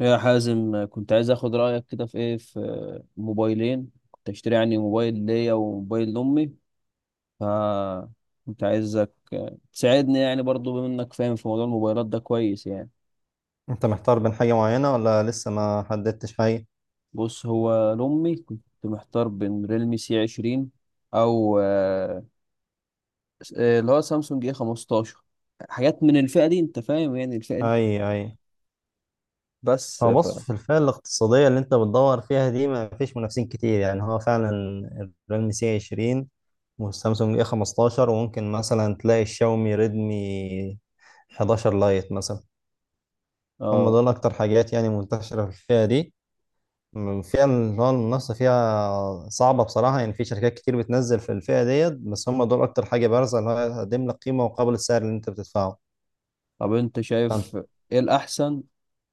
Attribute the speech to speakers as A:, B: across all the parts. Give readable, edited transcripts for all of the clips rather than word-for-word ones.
A: يا حازم، كنت عايز اخد رايك كده في ايه، في موبايلين كنت اشتري يعني. موبايل ليا وموبايل لامي. ف كنت عايزك تساعدني يعني، برضو بما انك فاهم في موضوع الموبايلات ده كويس يعني.
B: انت محتار بين حاجة معينة ولا لسه ما حددتش حاجة؟
A: بص هو لامي كنت محتار بين ريلمي سي 20 او اللي هو سامسونج اي 15، حاجات من الفئه دي انت فاهم، يعني الفئه دي
B: اي، اي.
A: بس.
B: هو
A: ف
B: بص، في الفئة الاقتصادية اللي انت بتدور فيها دي ما فيش منافسين كتير، يعني هو فعلا الريلمي سي 20 والسامسونج اي 15، وممكن مثلا تلاقي الشاومي ريدمي 11 لايت مثلا. هم
A: اه
B: دول اكتر حاجات يعني منتشرة في الفئة دي. الفئة اللي هو المنافسة فيها صعبة بصراحة، يعني في شركات كتير بتنزل في الفئة ديت، بس هم دول اكتر حاجة بارزة اللي هو هتقدم لك قيمة مقابل السعر اللي انت بتدفعه.
A: طب انت شايف ايه الاحسن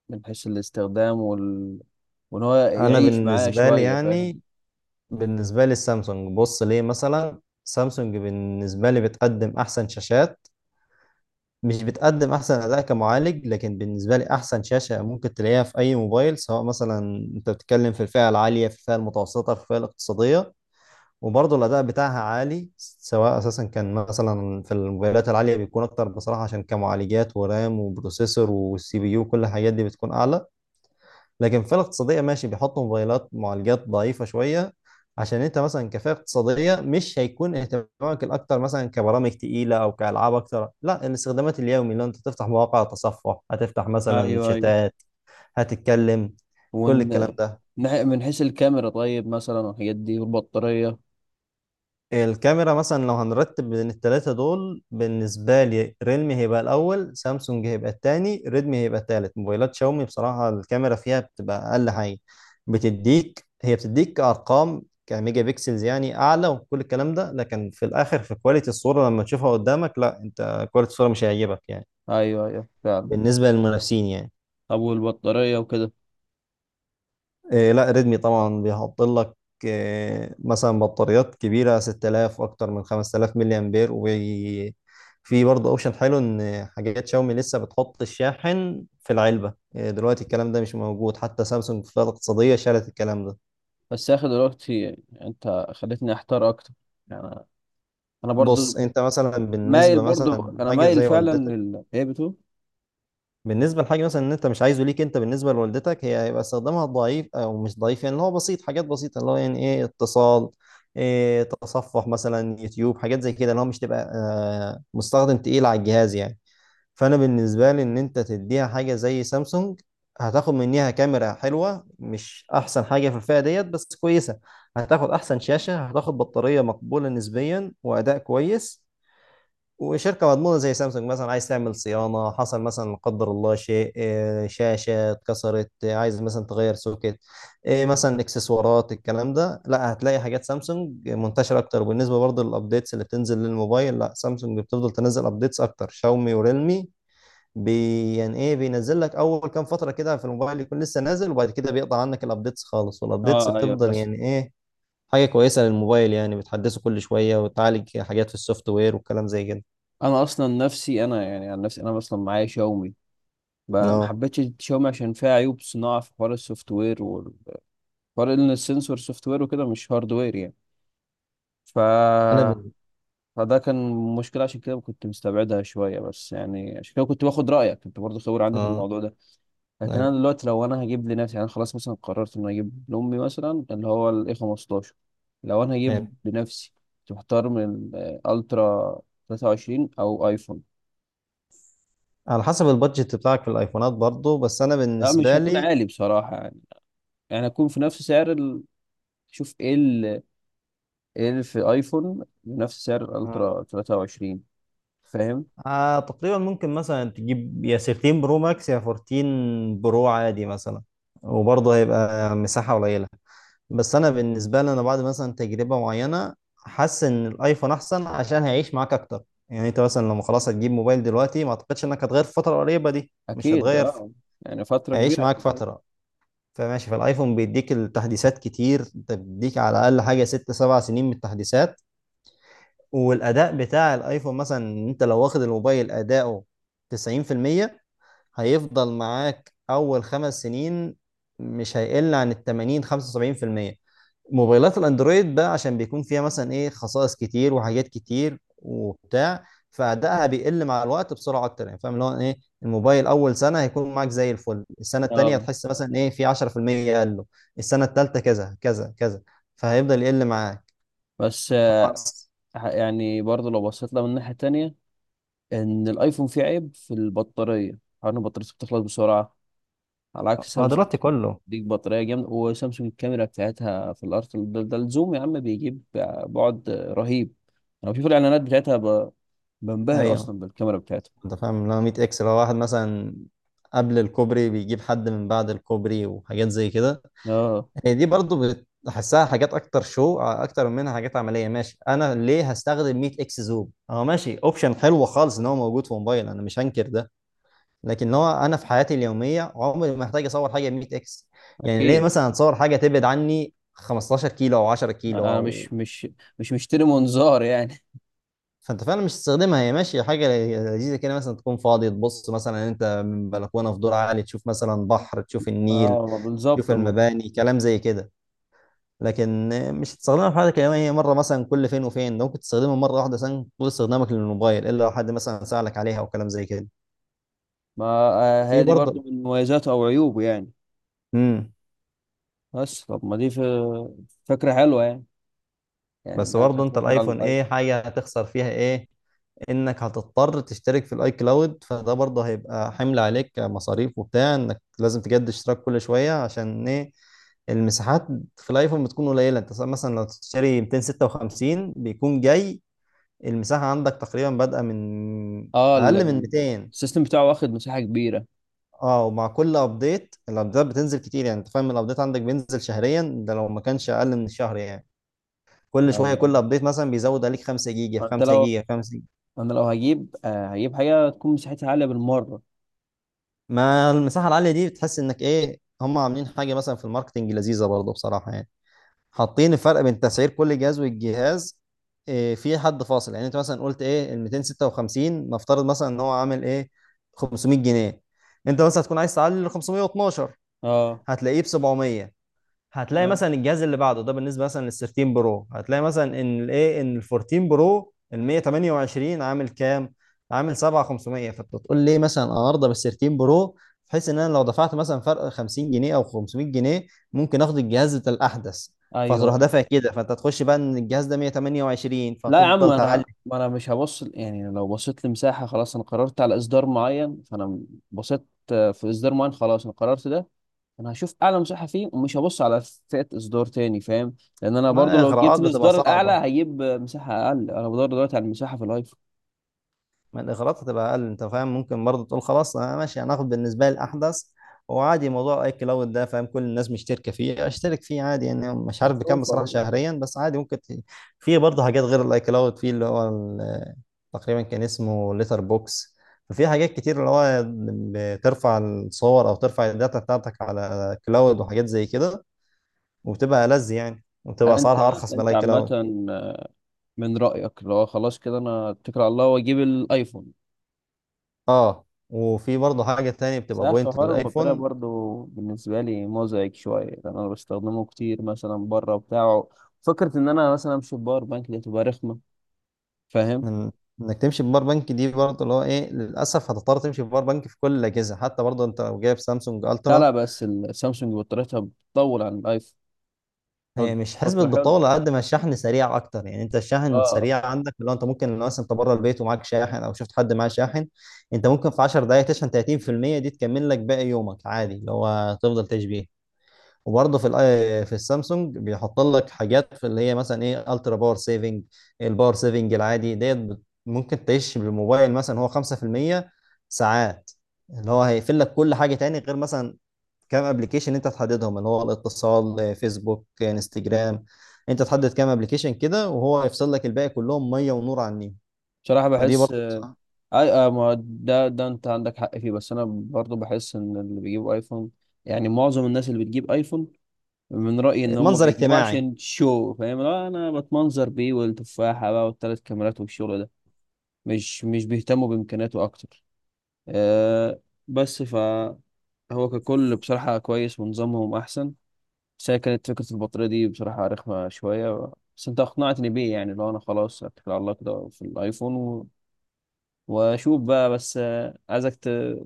A: من حيث الاستخدام وان هو
B: انا
A: يعيش معاه
B: بالنسبه لي
A: شوية فاهم؟
B: يعني بالنسبه لي السامسونج، بص ليه. مثلا سامسونج بالنسبه لي بتقدم احسن شاشات، مش بتقدم احسن اداء كمعالج، لكن بالنسبه لي احسن شاشه ممكن تلاقيها في اي موبايل، سواء مثلا انت بتتكلم في الفئه العاليه، في الفئه المتوسطه، في الفئه الاقتصاديه. وبرضه الاداء بتاعها عالي، سواء اساسا كان مثلا في الموبايلات العاليه بيكون اكتر بصراحه، عشان كمعالجات ورام وبروسيسور والسي بي يو كل الحاجات دي بتكون اعلى. لكن في الاقتصادية ماشي، بيحطوا موبايلات معالجات ضعيفة شوية، عشان انت مثلا كفئة اقتصادية مش هيكون اهتمامك الاكتر مثلا كبرامج تقيلة او كالعاب اكتر، لا، الاستخدامات اليومي اللي انت تفتح مواقع، تصفح، هتفتح مثلا
A: ايوه، ايوه.
B: شتات، هتتكلم، كل الكلام
A: وان
B: ده.
A: من حيث الكاميرا طيب مثلا، والحاجات دي والبطارية.
B: الكاميرا مثلا لو هنرتب بين التلاتة دول، بالنسبة لي ريلمي هيبقى الأول، سامسونج هيبقى التاني، ريدمي هيبقى التالت. موبايلات شاومي بصراحة الكاميرا فيها بتبقى أقل حاجة. بتديك، هي بتديك أرقام كميجا بيكسلز يعني أعلى وكل الكلام ده، لكن في الآخر في كواليتي الصورة لما تشوفها قدامك، لا، أنت كواليتي الصورة مش هيعجبك يعني.
A: ايوه، ايوه، فعلا.
B: بالنسبة للمنافسين يعني.
A: ابو البطارية وكده.
B: إيه، لا، ريدمي طبعا بيحط لك إيه، مثلا بطاريات كبيرة 6000، أكتر من 5000 ملي أمبير. وفي برضه أوبشن حلو إن حاجات شاومي لسه بتحط الشاحن في العلبة. إيه دلوقتي الكلام ده مش موجود، حتى سامسونج في الفئة الاقتصادية شالت الكلام ده.
A: بس يا اخي دلوقتي انت خليتني احتار اكتر يعني. انا
B: بص
A: برضو
B: أنت مثلا
A: مايل،
B: بالنسبة،
A: برضو
B: مثلا
A: انا
B: حاجة
A: مايل
B: زي
A: فعلا
B: والدتك،
A: ايه بتقول.
B: بالنسبة لحاجة مثلا ان انت مش عايزه ليك انت، بالنسبة لوالدتك، هي هيبقى استخدامها ضعيف او مش ضعيف، يعني اللي هو بسيط، حاجات بسيطة، اللي هو يعني ايه، اتصال، ايه، تصفح مثلا يوتيوب، حاجات زي كده اللي هو مش تبقى مستخدم تقيل على الجهاز يعني. فانا بالنسبة لي ان انت تديها حاجة زي سامسونج، هتاخد منيها كاميرا حلوة، مش احسن حاجة في الفئة ديت بس كويسة، هتاخد احسن شاشة، هتاخد بطارية مقبولة نسبيا واداء كويس، وشركة مضمونة زي سامسونج. مثلا عايز تعمل صيانة، حصل مثلا لا قدر الله شيء، شاشة اتكسرت، عايز مثلا تغير سوكت، مثلا اكسسوارات، الكلام ده لا، هتلاقي حاجات سامسونج منتشرة اكتر. وبالنسبة برضه للابديتس اللي بتنزل للموبايل، لا، سامسونج بتفضل تنزل ابديتس اكتر. شاومي وريلمي، بي يعني ايه، بينزل لك اول كام فترة كده في الموبايل يكون لسه نازل، وبعد كده بيقطع عنك الابديتس خالص. والابديتس
A: اه، ايوه،
B: بتفضل
A: بس.
B: يعني ايه، حاجة كويسة للموبايل يعني، بتحدثه كل شوية وتعالج حاجات في السوفت وير والكلام زي كده.
A: انا اصلا نفسي، انا يعني عن نفسي انا اصلا معايا شاومي، ما
B: اه.
A: حبيتش شاومي عشان فيها عيوب صناعة في حوار السوفت وير. فرق ان السنسور سوفت وير وكده، مش هاردوير يعني. ف
B: انا بال...
A: فده كان مشكلة عشان كده كنت مستبعدها شوية. بس يعني عشان كده كنت باخد رأيك، كنت برضه خبير عندي في
B: اه.
A: الموضوع ده. لكن
B: أيوة.
A: أنا دلوقتي لو أنا هجيب لنفسي، يعني أنا خلاص مثلا قررت إن أنا أجيب لأمي مثلا اللي هو ال A15. لو أنا
B: أيوة.
A: هجيب لنفسي كنت محتار من الألترا 23 أو أيفون.
B: على حسب البادجت بتاعك في الايفونات برضو، بس انا
A: لا مش
B: بالنسبه
A: هيكون
B: لي.
A: عالي بصراحة يعني، هكون في نفس سعر شوف إيه إيه اللي في أيفون بنفس سعر
B: آه.
A: الألترا 23 فاهم.
B: آه تقريبا ممكن مثلا تجيب يا 13 برو ماكس، يا 14 برو عادي مثلا. وبرضه هيبقى مساحه قليله. بس انا بالنسبه لي، انا بعد مثلا تجربه معينه حاسس ان الايفون احسن عشان هيعيش معاك اكتر. يعني انت مثلا لما خلاص هتجيب موبايل دلوقتي، ما اعتقدش انك هتغير في الفتره القريبه دي، مش
A: اكيد
B: هتغير في...
A: اه، يعني فتره
B: هيعيش
A: كبيره
B: معاك
A: عشان.
B: فتره. فماشي، فالايفون بيديك التحديثات كتير، انت بيديك على الاقل حاجه ست سبع سنين من التحديثات. والاداء بتاع الايفون مثلا، انت لو واخد الموبايل اداؤه 90%، هيفضل معاك اول خمس سنين، مش هيقل عن ال 80 75%. موبايلات الاندرويد بقى عشان بيكون فيها مثلا ايه، خصائص كتير وحاجات كتير وبتاع، فادائها بيقل مع الوقت بسرعه اكتر. يعني فاهم اللي هو ايه، الموبايل اول سنه هيكون معاك زي الفل، السنه التانيه
A: اه،
B: هتحس مثلا ايه، في 10% قل له، السنه التالته كذا كذا كذا، فهيفضل يقل معاك.
A: بس
B: خلاص.
A: يعني برضه لو بصيت لها من ناحيه تانية، ان الايفون فيه عيب في البطاريه، حوار ان بطاريته بتخلص بسرعه على عكس
B: هو
A: سامسونج.
B: دلوقتي كله.
A: ديك بطاريه جامده، وسامسونج الكاميرا بتاعتها في الارض. ده الزوم يا عم بيجيب بعد رهيب. انا بشوف الاعلانات بتاعتها بنبهر
B: ايوه.
A: اصلا بالكاميرا بتاعتها.
B: انت فاهم اللي هو 100 اكس، لو واحد مثلا قبل الكوبري بيجيب حد من بعد الكوبري وحاجات زي كده.
A: اه
B: هي دي برضو بحسها حاجات اكتر شو اكتر منها حاجات عمليه. ماشي، انا ليه هستخدم 100 اكس زوم؟ اه ماشي، اوبشن حلو خالص ان هو موجود في موبايل، انا مش هنكر ده، لكن هو انا في حياتي اليوميه عمري ما محتاج اصور حاجه ب 100 اكس. يعني ليه
A: اكيد.
B: مثلا اتصور حاجه تبعد عني 15 كيلو او 10 كيلو،
A: انا
B: او
A: مش مشتري منظار يعني.
B: فانت فعلا مش تستخدمها. هي ماشيه حاجه لذيذه كده، مثلا تكون فاضي تبص مثلا انت من بلكونه في دور عالي، تشوف مثلا بحر، تشوف النيل،
A: اه،
B: تشوف
A: بالظبط.
B: المباني، كلام زي كده. لكن مش تستخدمها في حاجه كده، هي مره مثلا كل فين وفين، ده ممكن تستخدمها مره واحده مثلا طول استخدامك للموبايل، الا لو حد مثلا سالك عليها او كلام زي كده.
A: ما آه،
B: وفي
A: هي دي برضو
B: برضه
A: من مميزاته او عيوبه يعني.
B: امم
A: بس طب ما دي في- فكره حلوه يعني. يعني
B: بس
A: انا
B: برضه
A: خدت
B: انت
A: فكره على
B: الايفون
A: الايفون.
B: ايه حاجه هتخسر فيها، ايه انك هتضطر تشترك في الاي كلاود، فده برضه هيبقى حمل عليك مصاريف وبتاع، انك لازم تجدد اشتراك كل شويه. عشان ايه، المساحات في الايفون بتكون قليله، انت مثلا لو تشتري 256 بيكون جاي المساحه عندك تقريبا بادئه من
A: اه،
B: اقل من 200.
A: السيستم بتاعه واخد مساحه كبيره.
B: اه، ومع كل ابديت الابديتات بتنزل كتير يعني، انت فاهم الابديت عندك بينزل شهريا، ده لو ما كانش اقل من الشهر يعني، كل شويه كل
A: ايوه.
B: ابديت مثلا بيزود عليك 5 جيجا، في
A: فانت
B: 5
A: لو
B: جيجا، في 5 جيجا.
A: انا لو هجيب حاجه تكون مساحتها عاليه بالمره.
B: ما المساحه العاليه دي بتحس انك ايه، هم عاملين حاجه مثلا في الماركتنج لذيذه برضه بصراحه يعني، حاطين الفرق بين تسعير كل جهاز والجهاز. إيه، في حد فاصل يعني، انت مثلا قلت ايه، ال 256 نفترض مثلا ان هو عامل ايه، 500 جنيه، انت مثلا هتكون عايز تعلي ل 512،
A: اه،
B: هتلاقيه ب 700. هتلاقي
A: تمام،
B: مثلا الجهاز اللي بعده ده بالنسبه مثلا لل 13 برو، هتلاقي مثلا ان الايه، ان ال 14 برو ال 128 عامل كام؟ عامل 7500. فانت تقول لي مثلا انا ارضى بال 13 برو، بحيث ان انا لو دفعت مثلا فرق 50 جنيه او 500 جنيه ممكن اخد الجهاز بتاع الاحدث. فتروح
A: ايوه.
B: دافع كده، فانت تخش بقى ان الجهاز ده 128،
A: لا يا عم،
B: فتفضل تعلي.
A: انا ما انا مش هبص يعني. لو بصيت لمساحه خلاص انا قررت على اصدار معين، فانا بصيت في اصدار معين خلاص انا قررت ده. انا هشوف اعلى مساحه فيه ومش هبص على فئه اصدار تاني فاهم. لان انا برضو
B: ما
A: لو جبت
B: اغراءات بتبقى
A: الاصدار الاعلى
B: صعبه.
A: هجيب مساحه اقل. انا بدور دلوقتي على المساحه في الايفون.
B: ما الاغراءات هتبقى اقل، انت فاهم ممكن برضه تقول خلاص انا ماشي هناخد بالنسبه لي الاحدث، وعادي موضوع اي كلاود ده فاهم، كل الناس مشتركه فيه، اشترك فيه عادي يعني. مش عارف بكام
A: اشوف
B: بصراحه
A: أهو.
B: شهريا، بس عادي ممكن في برضه حاجات غير الاي كلاود، في اللي هو تقريبا كان اسمه ليتر بوكس. ففي حاجات كتير اللي هو بترفع الصور او ترفع الداتا بتاعتك على كلاود وحاجات زي كده، وبتبقى ألذ يعني، وبتبقى
A: يعني انت
B: اسعارها ارخص من
A: انت
B: الاي
A: عامه،
B: كلاود.
A: من رايك لو خلاص كده انا اتكل على الله واجيب الايفون؟
B: اه. وفي برضه حاجة تانية بتبقى
A: صح.
B: بوينت
A: حوار البطاريه
B: للايفون،
A: برضو بالنسبه لي مزعج شويه لان انا بستخدمه كتير مثلا بره وبتاعه. فكره ان انا مثلا امشي بباور بانك دي تبقى رخمه فاهم.
B: من انك تمشي بباور بانك دي برضه اللي هو ايه، للاسف هتضطر تمشي بباور بانك في كل الاجهزه، حتى برضه انت لو جايب سامسونج
A: لا،
B: الترا.
A: لا، بس السامسونج بطاريتها بتطول عن الايفون
B: هي مش حسبة
A: فتره حلوه.
B: بالطول، على قد ما الشحن سريع اكتر. يعني انت الشحن
A: اه.
B: سريع عندك، اللي هو انت ممكن لو مثلا انت بره البيت ومعاك شاحن او شفت حد معاه شاحن، انت ممكن في 10 دقائق تشحن 30%، دي تكمل لك باقي يومك عادي، اللي هو تفضل تشبيه. وبرضه في الاي، في السامسونج بيحط لك حاجات في اللي هي مثلا ايه، الترا باور سيفنج. الباور سيفنج العادي ديت ممكن تعيش بالموبايل مثلا هو 5% ساعات، اللي هو هيقفل لك كل حاجه تاني، غير مثلا كام ابلكيشن انت تحددهم، اللي هو الاتصال، فيسبوك، انستجرام. انت تحدد كام ابلكيشن كده وهو يفصل لك الباقي كلهم ميه ونور عن النيل.
A: بصراحة
B: فدي
A: بحس
B: برضه بصراحة.
A: اي ما ده انت عندك حق فيه. بس انا برضو بحس ان اللي بيجيبوا ايفون، يعني معظم الناس اللي بتجيب ايفون، من رأيي ان هم
B: منظر
A: بيجيبوه
B: اجتماعي.
A: عشان شو فاهم. لا، انا بتمنظر بيه والتفاحة بقى والثلاث كاميرات والشغل ده. مش بيهتموا بامكانياته اكتر، أه. بس فهو ككل بصراحة كويس ونظامهم احسن. بس هي كانت فكرة البطارية دي بصراحة رخمة شوية. بس انت اقنعتني بيه يعني. لو انا خلاص اتكل على الله كده في الايفون، واشوف بقى. بس عايزك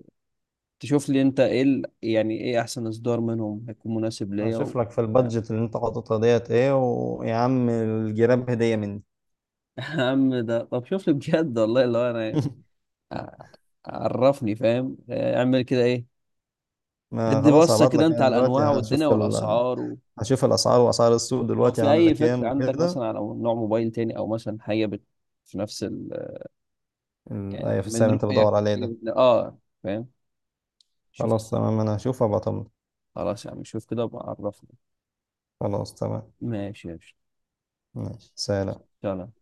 A: تشوف لي انت ايه يعني ايه احسن اصدار منهم هيكون مناسب ليا و...
B: هشوف لك في
A: يا
B: البادجت اللي انت حاططها ديت ايه، ويا عم الجراب هديه مني.
A: عم ده. طب شوف لي بجد والله، اللي هو انا ع- عرفني فاهم اعمل كده ايه.
B: ما
A: ادي
B: خلاص،
A: بصة
B: هبعت
A: كده
B: لك
A: انت
B: انا
A: على
B: دلوقتي.
A: الانواع والدنيا والاسعار و...
B: هشوف الاسعار، واسعار السوق
A: ولو
B: دلوقتي
A: في
B: عامله
A: اي
B: كام
A: فكرة عندك
B: وكده.
A: مثلا على نوع موبايل تاني او مثلا حاجة بت... في نفس ال... يعني
B: أيوة، في السعر
A: من
B: اللي انت
A: رؤيك حاجة
B: بدور عليه ده.
A: بت... اه فاهم. شوف.
B: خلاص تمام، انا هشوف وابقى اطمن.
A: خلاص يا عم شوف كده وبقى عرفني.
B: خلاص تمام،
A: ماشي يا باشا.
B: ماشي سلام.
A: سلام.